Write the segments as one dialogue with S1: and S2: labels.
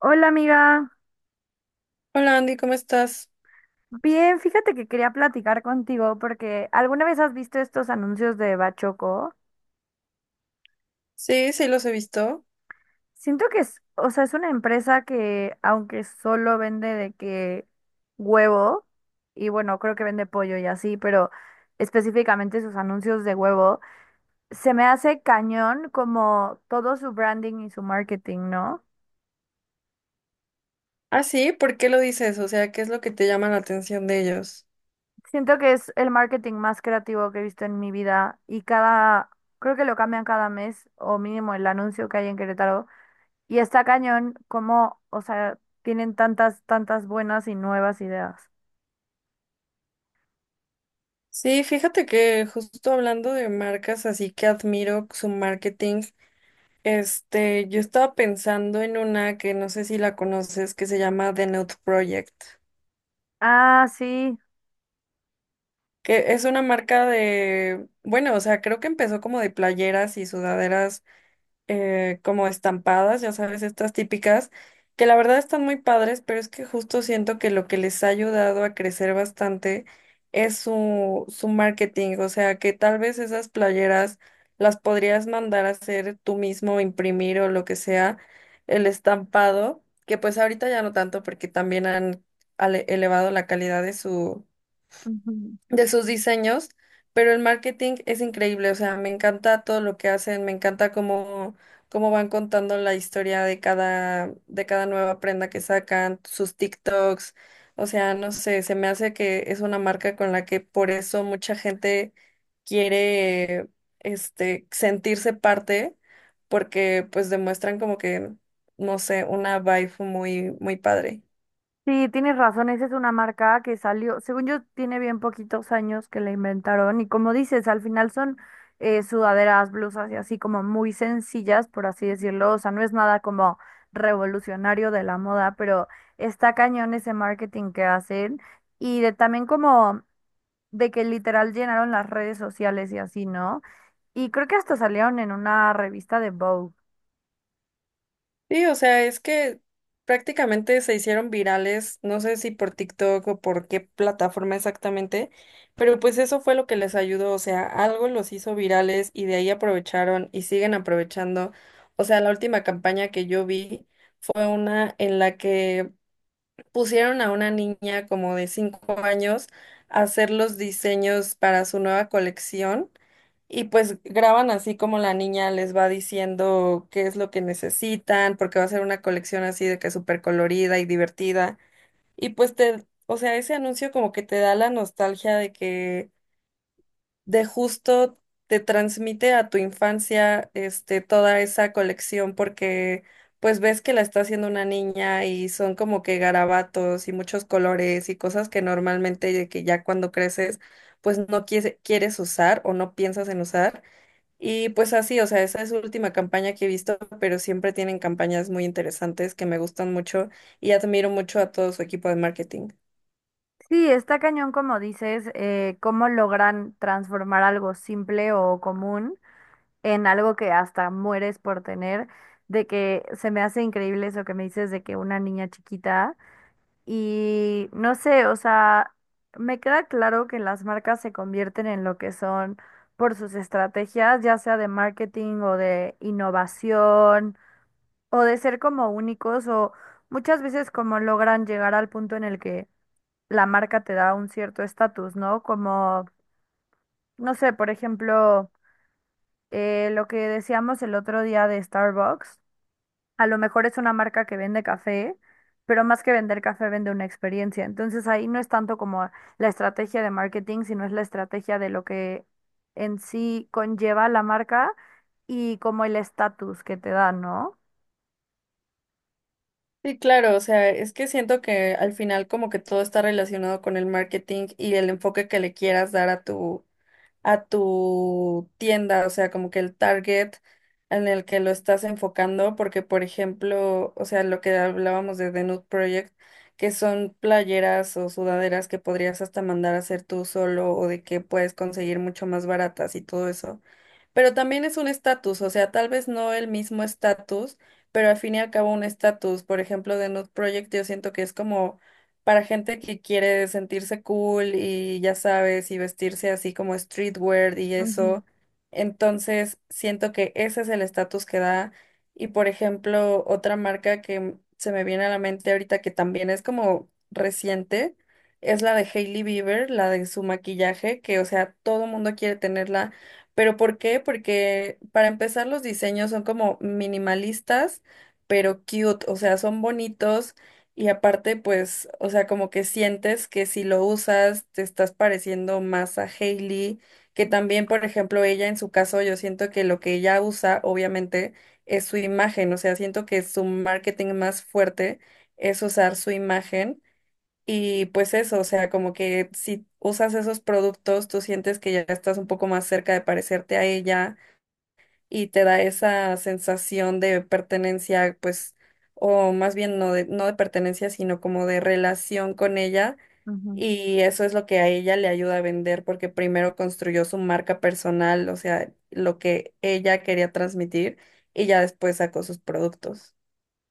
S1: Hola amiga,
S2: Hola Andy, ¿cómo estás?
S1: bien, fíjate que quería platicar contigo porque ¿alguna vez has visto estos anuncios de Bachoco?
S2: Sí, sí los he visto.
S1: Siento que es, o sea, es una empresa que aunque solo vende de que huevo, y bueno, creo que vende pollo y así, pero específicamente sus anuncios de huevo, se me hace cañón como todo su branding y su marketing, ¿no?
S2: Ah, sí, ¿por qué lo dices? O sea, ¿qué es lo que te llama la atención de ellos?
S1: Siento que es el marketing más creativo que he visto en mi vida y cada, creo que lo cambian cada mes o mínimo el anuncio que hay en Querétaro y está cañón como, o sea, tienen tantas buenas y nuevas ideas.
S2: Sí, fíjate que justo hablando de marcas, así que admiro su marketing. Este, yo estaba pensando en una que no sé si la conoces, que se llama The Nude Project,
S1: Ah, sí.
S2: que es una marca de, bueno, o sea, creo que empezó como de playeras y sudaderas como estampadas, ya sabes, estas típicas, que la verdad están muy padres, pero es que justo siento que lo que les ha ayudado a crecer bastante es su marketing, o sea, que tal vez esas playeras las podrías mandar a hacer tú mismo, imprimir o lo que sea, el estampado, que pues ahorita ya no tanto porque también han elevado la calidad de su
S1: Ujú.
S2: de sus diseños, pero el marketing es increíble, o sea, me encanta todo lo que hacen, me encanta cómo, cómo van contando la historia de cada nueva prenda que sacan, sus TikToks, o sea, no sé, se me hace que es una marca con la que por eso mucha gente quiere, este, sentirse parte, porque pues demuestran como que, no sé, una vibe muy, muy padre.
S1: Sí, tienes razón, esa es una marca que salió, según yo, tiene bien poquitos años que la inventaron y como dices, al final son sudaderas, blusas y así como muy sencillas, por así decirlo, o sea, no es nada como revolucionario de la moda, pero está cañón ese marketing que hacen y de también como de que literal llenaron las redes sociales y así, ¿no? Y creo que hasta salieron en una revista de Vogue.
S2: Sí, o sea, es que prácticamente se hicieron virales, no sé si por TikTok o por qué plataforma exactamente, pero pues eso fue lo que les ayudó, o sea, algo los hizo virales y de ahí aprovecharon y siguen aprovechando. O sea, la última campaña que yo vi fue una en la que pusieron a una niña como de 5 años a hacer los diseños para su nueva colección. Y pues graban así como la niña les va diciendo qué es lo que necesitan, porque va a ser una colección así de que súper colorida y divertida. Y pues te, o sea, ese anuncio como que te da la nostalgia de que de justo te transmite a tu infancia este toda esa colección porque pues ves que la está haciendo una niña y son como que garabatos y muchos colores y cosas que normalmente de que ya cuando creces pues no quieres usar o no piensas en usar y pues así, o sea, esa es su última campaña que he visto, pero siempre tienen campañas muy interesantes que me gustan mucho y admiro mucho a todo su equipo de marketing.
S1: Sí, está cañón, como dices, cómo logran transformar algo simple o común en algo que hasta mueres por tener, de que se me hace increíble eso que me dices de que una niña chiquita y no sé, o sea, me queda claro que las marcas se convierten en lo que son por sus estrategias, ya sea de marketing o de innovación o de ser como únicos o muchas veces como logran llegar al punto en el que la marca te da un cierto estatus, ¿no? Como, no sé, por ejemplo, lo que decíamos el otro día de Starbucks, a lo mejor es una marca que vende café, pero más que vender café vende una experiencia. Entonces ahí no es tanto como la estrategia de marketing, sino es la estrategia de lo que en sí conlleva la marca y como el estatus que te da, ¿no?
S2: Sí, claro, o sea, es que siento que al final como que todo está relacionado con el marketing y el enfoque que le quieras dar a tu tienda, o sea, como que el target en el que lo estás enfocando, porque por ejemplo, o sea, lo que hablábamos de The Nude Project, que son playeras o sudaderas que podrías hasta mandar a hacer tú solo o de que puedes conseguir mucho más baratas y todo eso. Pero también es un estatus, o sea, tal vez no el mismo estatus, pero al fin y al cabo un estatus. Por ejemplo, The Nude Project yo siento que es como para gente que quiere sentirse cool y ya sabes, y vestirse así como streetwear y
S1: Ujú,
S2: eso. Entonces, siento que ese es el estatus que da. Y por ejemplo, otra marca que se me viene a la mente ahorita que también es como reciente, es la de Hailey Bieber, la de su maquillaje, que o sea, todo mundo quiere tenerla. ¿Pero por qué? Porque para empezar los diseños son como minimalistas, pero cute, o sea, son bonitos y aparte, pues, o sea, como que sientes que si lo usas, te estás pareciendo más a Hailey, que también, por ejemplo, ella en su caso, yo siento que lo que ella usa, obviamente, es su imagen, o sea, siento que su marketing más fuerte es usar su imagen y pues eso, o sea, como que si usas esos productos, tú sientes que ya estás un poco más cerca de parecerte a ella y te da esa sensación de pertenencia, pues, o más bien no de, pertenencia, sino como de relación con ella.
S1: ujú.
S2: Y eso es lo que a ella le ayuda a vender porque primero construyó su marca personal, o sea, lo que ella quería transmitir y ya después sacó sus productos.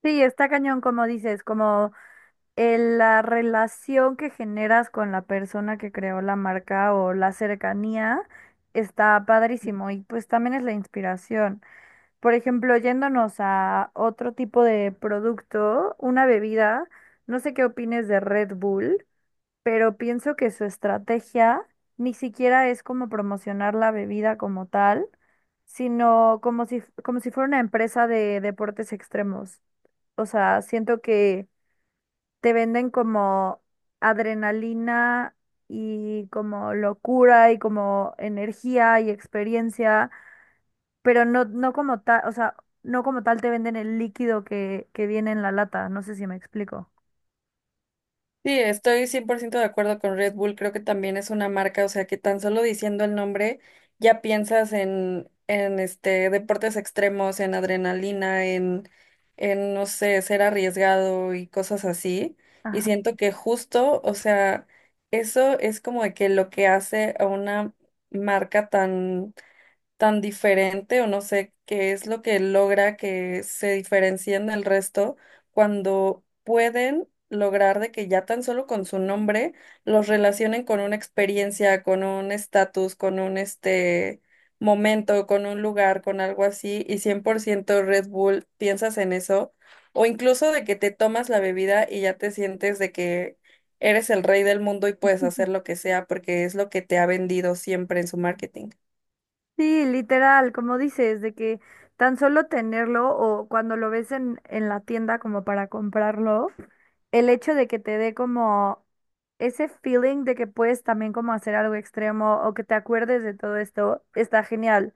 S1: Sí, está cañón, como dices, como la relación que generas con la persona que creó la marca o la cercanía está padrísimo y pues también es la inspiración. Por ejemplo, yéndonos a otro tipo de producto, una bebida, no sé qué opines de Red Bull, pero pienso que su estrategia ni siquiera es como promocionar la bebida como tal, sino como si fuera una empresa de deportes extremos. O sea, siento que te venden como adrenalina y como locura y como energía y experiencia, pero no, no como tal, o sea, no como tal te venden el líquido que viene en la lata, no sé si me explico.
S2: Sí, estoy 100% de acuerdo con Red Bull. Creo que también es una marca, o sea, que tan solo diciendo el nombre ya piensas en este, deportes extremos, en adrenalina, en, no sé, ser arriesgado y cosas así. Y siento que justo, o sea, eso es como de que lo que hace a una marca tan tan diferente o no sé qué es lo que logra que se diferencien del resto cuando pueden lograr de que ya tan solo con su nombre los relacionen con una experiencia, con un estatus, con un este momento, con un lugar, con algo así y 100% Red Bull, piensas en eso o incluso de que te tomas la bebida y ya te sientes de que eres el rey del mundo y puedes hacer lo que sea porque es lo que te ha vendido siempre en su marketing.
S1: Sí, literal, como dices, de que tan solo tenerlo o cuando lo ves en la tienda como para comprarlo, el hecho de que te dé como ese feeling de que puedes también como hacer algo extremo o que te acuerdes de todo esto, está genial.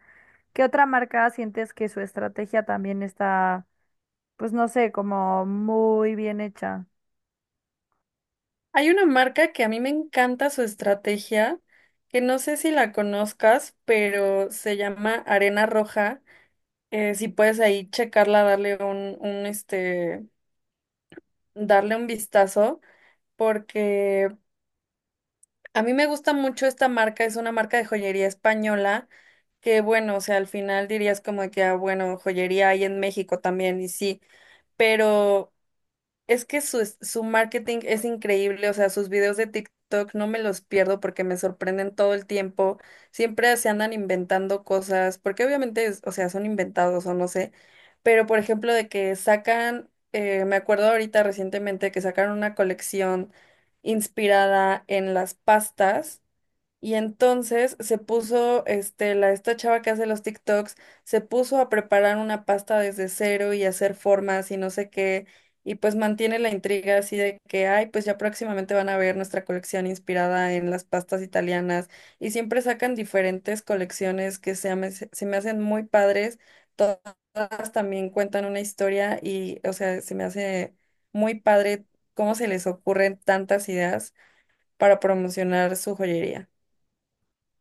S1: ¿Qué otra marca sientes que su estrategia también está, pues no sé, como muy bien hecha?
S2: Hay una marca que a mí me encanta su estrategia, que no sé si la conozcas, pero se llama Arena Roja. Si puedes ahí checarla, darle este, darle un vistazo, porque a mí me gusta mucho esta marca, es una marca de joyería española, que bueno, o sea, al final dirías como que, ah, bueno, joyería hay en México también, y sí, pero es que su, su marketing es increíble, o sea, sus videos de TikTok no me los pierdo porque me sorprenden todo el tiempo. Siempre se andan inventando cosas, porque obviamente, o sea, son inventados o no sé. Pero, por ejemplo, de que sacan, me acuerdo ahorita recientemente que sacaron una colección inspirada en las pastas y entonces se puso, este, la, esta chava que hace los TikToks, se puso a preparar una pasta desde cero y hacer formas y no sé qué, y pues mantiene la intriga así de que, ay, pues ya próximamente van a ver nuestra colección inspirada en las pastas italianas, y siempre sacan diferentes colecciones que se, se me hacen muy padres, todas también cuentan una historia y, o sea, se me hace muy padre cómo se les ocurren tantas ideas para promocionar su joyería.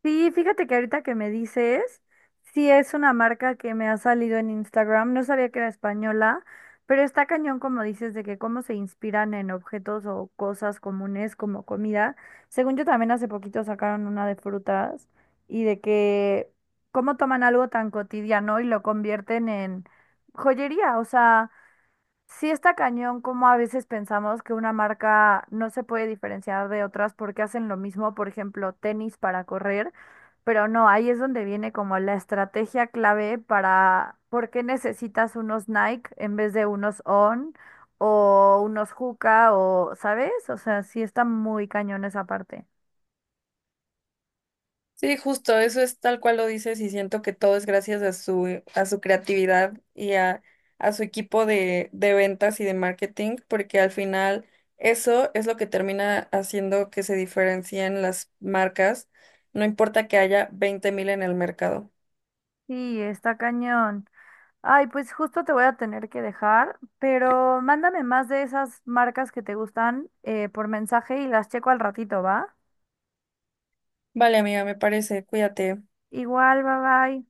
S1: Sí, fíjate que ahorita que me dices, sí es una marca que me ha salido en Instagram, no sabía que era española, pero está cañón como dices de que cómo se inspiran en objetos o cosas comunes como comida. Según yo también hace poquito sacaron una de frutas y de que cómo toman algo tan cotidiano y lo convierten en joyería, o sea... Sí está cañón como a veces pensamos que una marca no se puede diferenciar de otras porque hacen lo mismo, por ejemplo, tenis para correr, pero no, ahí es donde viene como la estrategia clave para por qué necesitas unos Nike en vez de unos On o unos Hoka o, ¿sabes? O sea, sí está muy cañón esa parte.
S2: Sí, justo, eso es tal cual lo dices y siento que todo es gracias a su creatividad y a, su equipo de ventas y de marketing, porque al final eso es lo que termina haciendo que se diferencien las marcas, no importa que haya 20,000 en el mercado.
S1: Sí, está cañón. Ay, pues justo te voy a tener que dejar, pero mándame más de esas marcas que te gustan por mensaje y las checo al ratito, ¿va?
S2: Vale, amiga, me parece, cuídate.
S1: Igual, bye bye.